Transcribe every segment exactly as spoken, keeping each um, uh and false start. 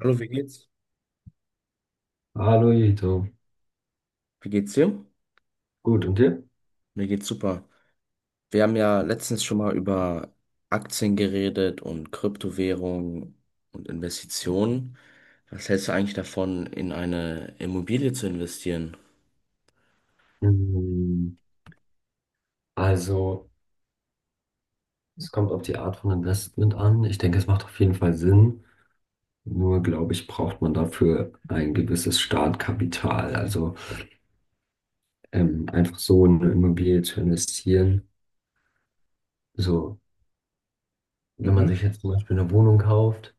Hallo, wie geht's? Hallo Jito. Wie geht's dir? Gut, und dir? Mir geht's super. Wir haben ja letztens schon mal über Aktien geredet und Kryptowährungen und Investitionen. Was hältst du eigentlich davon, in eine Immobilie zu investieren? Mm, Also, es kommt auf die Art von Investment an. Ich denke, es macht auf jeden Fall Sinn. Nur, glaube ich, braucht man dafür ein gewisses Startkapital. Also, ähm, einfach so in eine Immobilie zu investieren. So, wenn man Mhm. sich jetzt zum Beispiel eine Wohnung kauft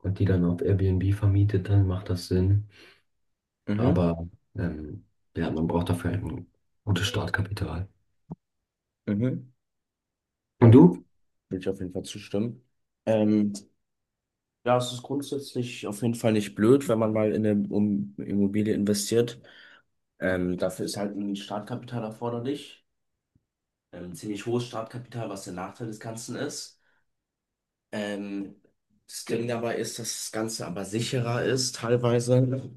und die dann auf Airbnb vermietet, dann macht das Sinn. Mhm. Aber, ähm, ja, man braucht dafür ein gutes Startkapital. Mhm. Ja, Und dem du? würde ich auf jeden Fall zustimmen. Ähm, ja, es ist grundsätzlich auf jeden Fall nicht blöd, wenn man mal in eine um Immobilie investiert. Ähm, dafür ist halt ein Startkapital erforderlich. Ähm, ziemlich hohes Startkapital, was der Nachteil des Ganzen ist. Ähm, Das Ding dabei ist, dass das Ganze aber sicherer ist teilweise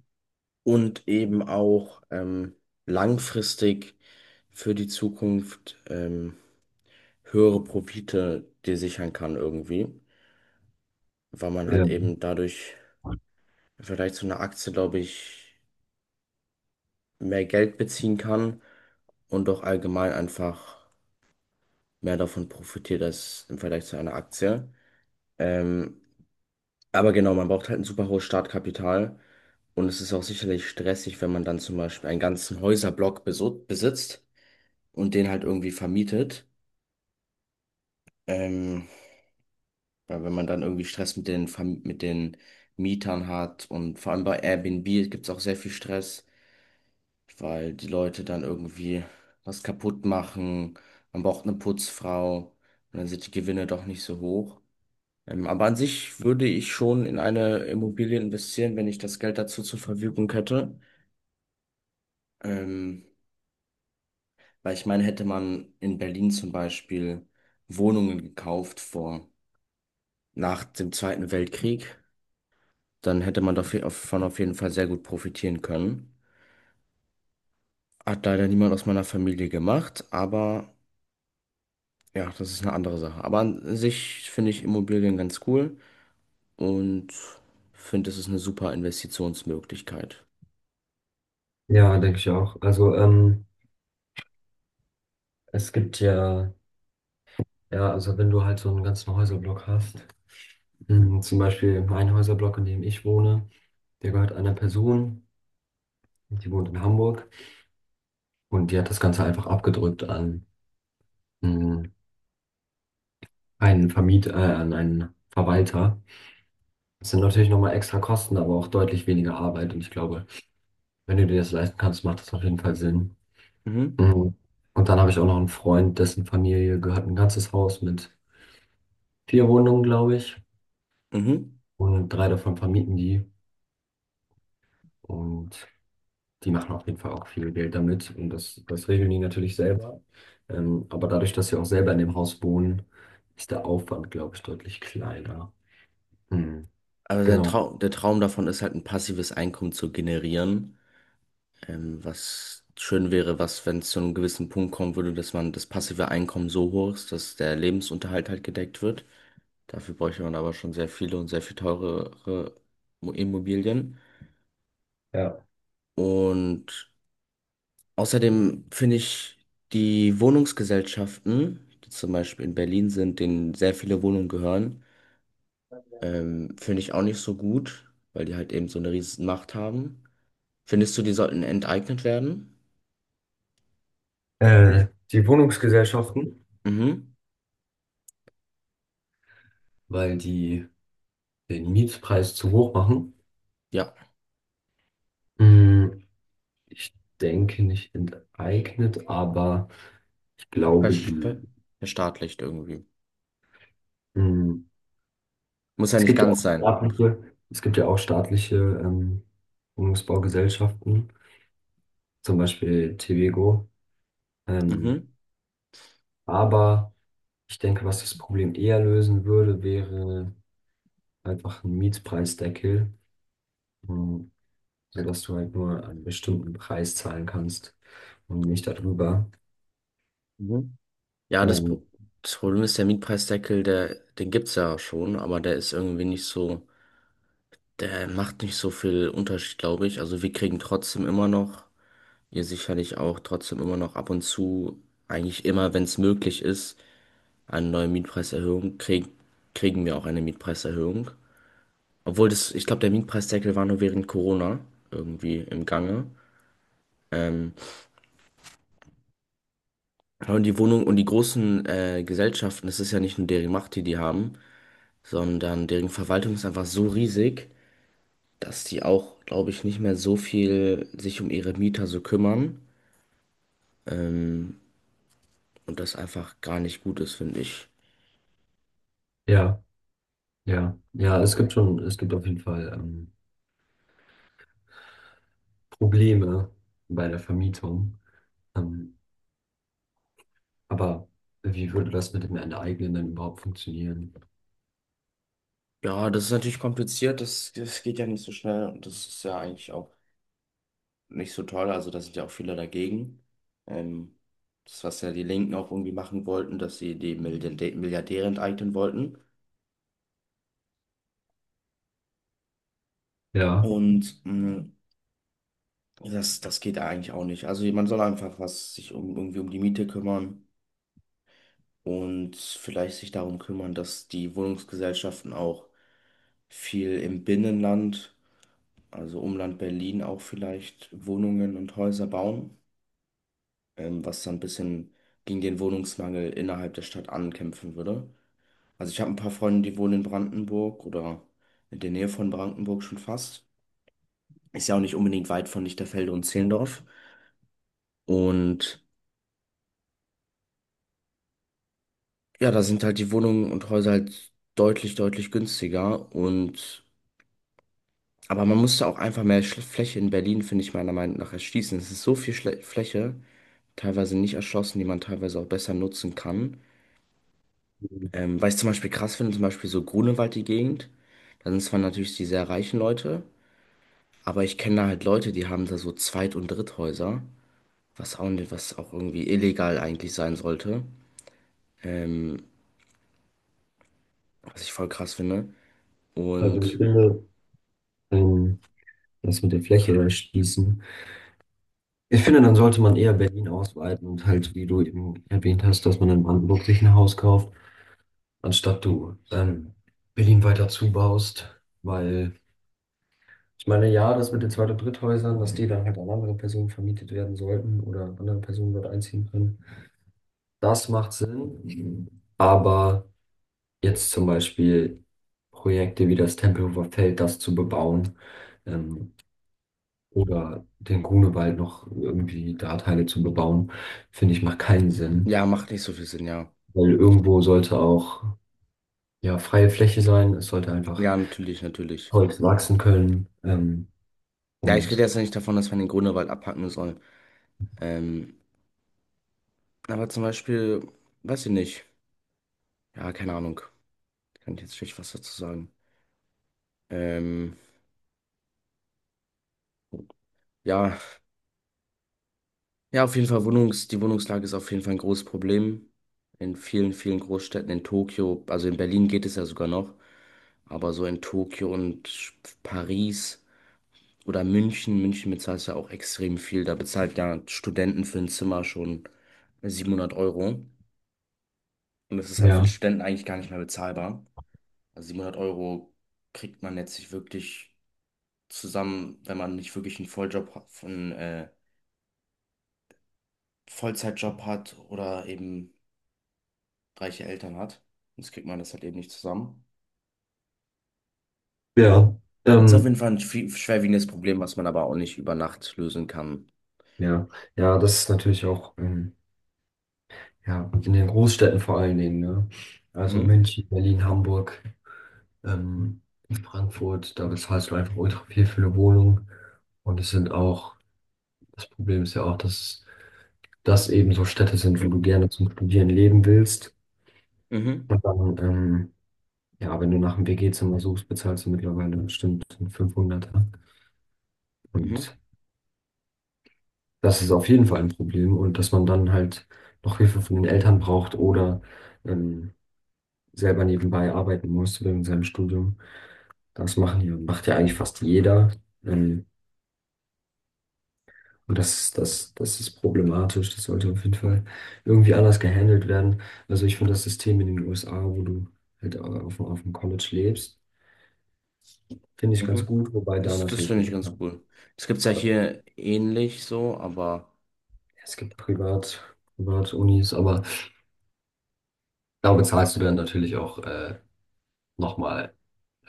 und eben auch ähm, langfristig für die Zukunft ähm, höhere Profite dir sichern kann irgendwie, weil man halt Ja. eben dadurch im Vergleich zu einer Aktie, glaube ich, mehr Geld beziehen kann und auch allgemein einfach mehr davon profitiert als im Vergleich zu einer Aktie. Ähm, aber genau, man braucht halt ein super hohes Startkapital. Und es ist auch sicherlich stressig, wenn man dann zum Beispiel einen ganzen Häuserblock besu- besitzt und den halt irgendwie vermietet. Ähm, Weil wenn man dann irgendwie Stress mit den, Verm- mit den Mietern hat und vor allem bei Airbnb gibt es auch sehr viel Stress, weil die Leute dann irgendwie was kaputt machen. Man braucht eine Putzfrau und dann sind die Gewinne doch nicht so hoch. Ähm, aber an sich würde ich schon in eine Immobilie investieren, wenn ich das Geld dazu zur Verfügung hätte. Ähm, Weil ich meine, hätte man in Berlin zum Beispiel Wohnungen gekauft vor, nach dem Zweiten Weltkrieg, dann hätte man dav- davon auf jeden Fall sehr gut profitieren können. Hat leider niemand aus meiner Familie gemacht, aber ja, das ist eine andere Sache. Aber an sich finde ich Immobilien ganz cool und finde, es ist eine super Investitionsmöglichkeit. Ja, denke ich auch. Also, ähm, es gibt ja, ja, also wenn du halt so einen ganzen Häuserblock hast, mh, zum Beispiel ein Häuserblock, in dem ich wohne, der gehört einer Person, die wohnt in Hamburg und die hat das Ganze einfach abgedrückt an mh, einen Vermieter, äh, an einen Verwalter. Das sind natürlich nochmal extra Kosten, aber auch deutlich weniger Arbeit und ich glaube, wenn du dir das leisten kannst, macht das auf jeden Fall Sinn. Mhm. Mhm. Und dann habe ich auch noch einen Freund, dessen Familie gehört ein ganzes Haus mit vier Wohnungen, glaube ich, Mhm. und drei davon vermieten die und die machen auf jeden Fall auch viel Geld damit und das, das regeln die natürlich selber. Ähm, aber dadurch, dass sie auch selber in dem Haus wohnen, ist der Aufwand, glaube ich, deutlich kleiner. Hm, Aber der genau. Trau der Traum davon ist halt, ein passives Einkommen zu generieren. Ähm, was schön wäre, was, wenn es zu einem gewissen Punkt kommen würde, dass man das passive Einkommen so hoch ist, dass der Lebensunterhalt halt gedeckt wird. Dafür bräuchte man aber schon sehr viele und sehr viel teurere Mo- Immobilien. Ja. Und außerdem finde ich die Wohnungsgesellschaften, die zum Beispiel in Berlin sind, denen sehr viele Wohnungen gehören, ähm, finde ich auch nicht so gut, weil die halt eben so eine riesen Macht haben. Findest du, die sollten enteignet werden? Äh, die Wohnungsgesellschaften, Mhm. weil die den Mietpreis zu hoch machen, Ja. hm, ich denke nicht enteignet, aber ich glaube, Versch- ver- die, Verstaatlicht irgendwie. hm, Muss ja es nicht gibt ja auch ganz sein. staatliche, es gibt ja auch staatliche ähm, Wohnungsbaugesellschaften, zum Beispiel T V G O. Ähm, Mhm. aber ich denke, was das Problem eher lösen würde, wäre einfach ein Mietpreisdeckel, ähm, sodass du halt nur einen bestimmten Preis zahlen kannst und nicht darüber. Mhm. Ja, das, Ähm, Pro- Das Problem ist, der Mietpreisdeckel, der, den gibt's ja schon, aber der ist irgendwie nicht so, der macht nicht so viel Unterschied, glaube ich. Also wir kriegen trotzdem immer noch, ihr sicherlich auch, trotzdem immer noch ab und zu, eigentlich immer, wenn es möglich ist, eine neue Mietpreiserhöhung, krieg, kriegen wir auch eine Mietpreiserhöhung. Obwohl das, ich glaube, der Mietpreisdeckel war nur während Corona irgendwie im Gange. Ähm, Ja. Und die Wohnung und die großen äh, Gesellschaften, das ist ja nicht nur deren Macht, die die haben, sondern deren Verwaltung ist einfach so riesig, dass die auch, glaube ich, nicht mehr so viel sich um ihre Mieter so kümmern und das einfach gar nicht gut ist, finde ich. ja, ja, ja, es gibt schon, es gibt auf jeden Fall ähm, Probleme bei der Vermietung. Ähm, aber wie würde das mit dem Enteignen denn überhaupt funktionieren? Ja, das ist natürlich kompliziert, das, das geht ja nicht so schnell und das ist ja eigentlich auch nicht so toll, also da sind ja auch viele dagegen. Ähm, Das, was ja die Linken auch irgendwie machen wollten, dass sie die Milliardä- Milliardäre enteignen wollten. Ja, Und mh, ja, das, das geht eigentlich auch nicht. Also man soll einfach was sich um, irgendwie um die Miete kümmern und vielleicht sich darum kümmern, dass die Wohnungsgesellschaften auch viel im Binnenland, also Umland Berlin auch vielleicht Wohnungen und Häuser bauen, ähm, was dann ein bisschen gegen den Wohnungsmangel innerhalb der Stadt ankämpfen würde. Also ich habe ein paar Freunde, die wohnen in Brandenburg oder in der Nähe von Brandenburg schon fast. Ist ja auch nicht unbedingt weit von Lichterfelde und Zehlendorf. Und ja, da sind halt die Wohnungen und Häuser halt deutlich, deutlich günstiger und aber man musste auch einfach mehr Schl- Fläche in Berlin, finde ich meiner Meinung nach, erschließen. Es ist so viel Schle Fläche, teilweise nicht erschlossen, die man teilweise auch besser nutzen kann. Ähm, weil ich zum Beispiel krass finde, zum Beispiel so Grunewald, die Gegend, da sind zwar natürlich die sehr reichen Leute, aber ich kenne da halt Leute, die haben da so Zweit- und Dritthäuser, was auch, nicht- was auch irgendwie illegal eigentlich sein sollte, ähm, was ich voll krass finde. also ich Und finde, ähm, das mit der Fläche erschließen. Ich finde, dann sollte man eher Berlin ausweiten und halt, wie du eben erwähnt hast, dass man in Brandenburg sich ein Haus kauft, anstatt du ähm, Berlin weiter zubaust. Weil ich meine, ja, das mit den Zweit- und Dritthäusern, dass die dann halt an andere Personen vermietet werden sollten oder andere Personen dort einziehen können, das macht Sinn. Aber jetzt zum Beispiel Projekte wie das Tempelhofer Feld, das zu bebauen ähm, oder den Grunewald noch irgendwie da Teile zu bebauen, finde ich, macht keinen Sinn. ja, macht nicht so viel Sinn, ja. Weil irgendwo sollte auch ja freie Fläche sein. Es sollte einfach Ja, natürlich, natürlich. Holz wachsen können. Ähm, Ja, ich rede und jetzt nicht davon, dass man den Grunewald abhacken soll. Ähm, aber zum Beispiel, weiß ich nicht. Ja, keine Ahnung. Kann ich jetzt schlecht was dazu sagen. Ähm, ja, ja, auf jeden Fall Wohnungs, die Wohnungslage ist auf jeden Fall ein großes Problem. In vielen, vielen Großstädten, in Tokio, also in Berlin geht es ja sogar noch, aber so in Tokio und Paris oder München. München bezahlt ja auch extrem viel. Da bezahlt ja Studenten für ein Zimmer schon siebenhundert Euro. Und das ist halt für einen ja, Studenten eigentlich gar nicht mehr bezahlbar. Also siebenhundert Euro kriegt man jetzt nicht wirklich zusammen, wenn man nicht wirklich einen Volljob, ha- einen äh, Vollzeitjob hat oder eben reiche Eltern hat. Sonst kriegt man das halt eben nicht zusammen. ja, Ist auf ähm, jeden Fall ein schwi- schwerwiegendes Problem, was man aber auch nicht über Nacht lösen kann. ja, ja, das ist natürlich auch ähm, ja, in den Großstädten vor allen Dingen. Ne? Also Mhm. München, Berlin, Hamburg, ähm, Frankfurt, da bezahlst du einfach ultra viel für eine Wohnung. Und es sind auch, das Problem ist ja auch, dass das eben so Städte sind, wo du gerne zum Studieren leben willst. Mhm. Und dann ähm, ja, wenn du nach einem W G-Zimmer suchst, bezahlst du mittlerweile bestimmt einen fünfhundert. Und Mhm. das ist auf jeden Fall ein Problem. Und dass man dann halt noch Hilfe von den Eltern braucht oder ähm, selber nebenbei arbeiten muss wegen seinem Studium. Das machen ja, macht ja eigentlich fast jeder. Ähm, und das, das, das ist problematisch. Das sollte auf jeden Fall irgendwie anders gehandelt werden. Also ich finde das System in den U S A, wo du halt auf, auf dem College lebst, finde ich ganz Mhm. gut, wobei da Das, das natürlich finde noch. ich ganz cool. Das gibt es ja hier ähnlich so, aber. Es gibt Privat, Privatunis, aber da bezahlst du dann natürlich auch äh, nochmal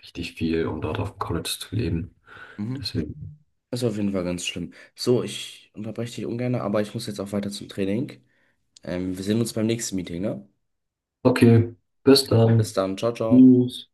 richtig viel, um dort auf dem College zu leben. Mhm. Deswegen. Ist auf jeden Fall ganz schlimm. So, ich unterbreche dich ungern, aber ich muss jetzt auch weiter zum Training. Ähm, wir sehen uns beim nächsten Meeting, ne? Okay, bis Bis dann. dann, ciao, ciao. Tschüss.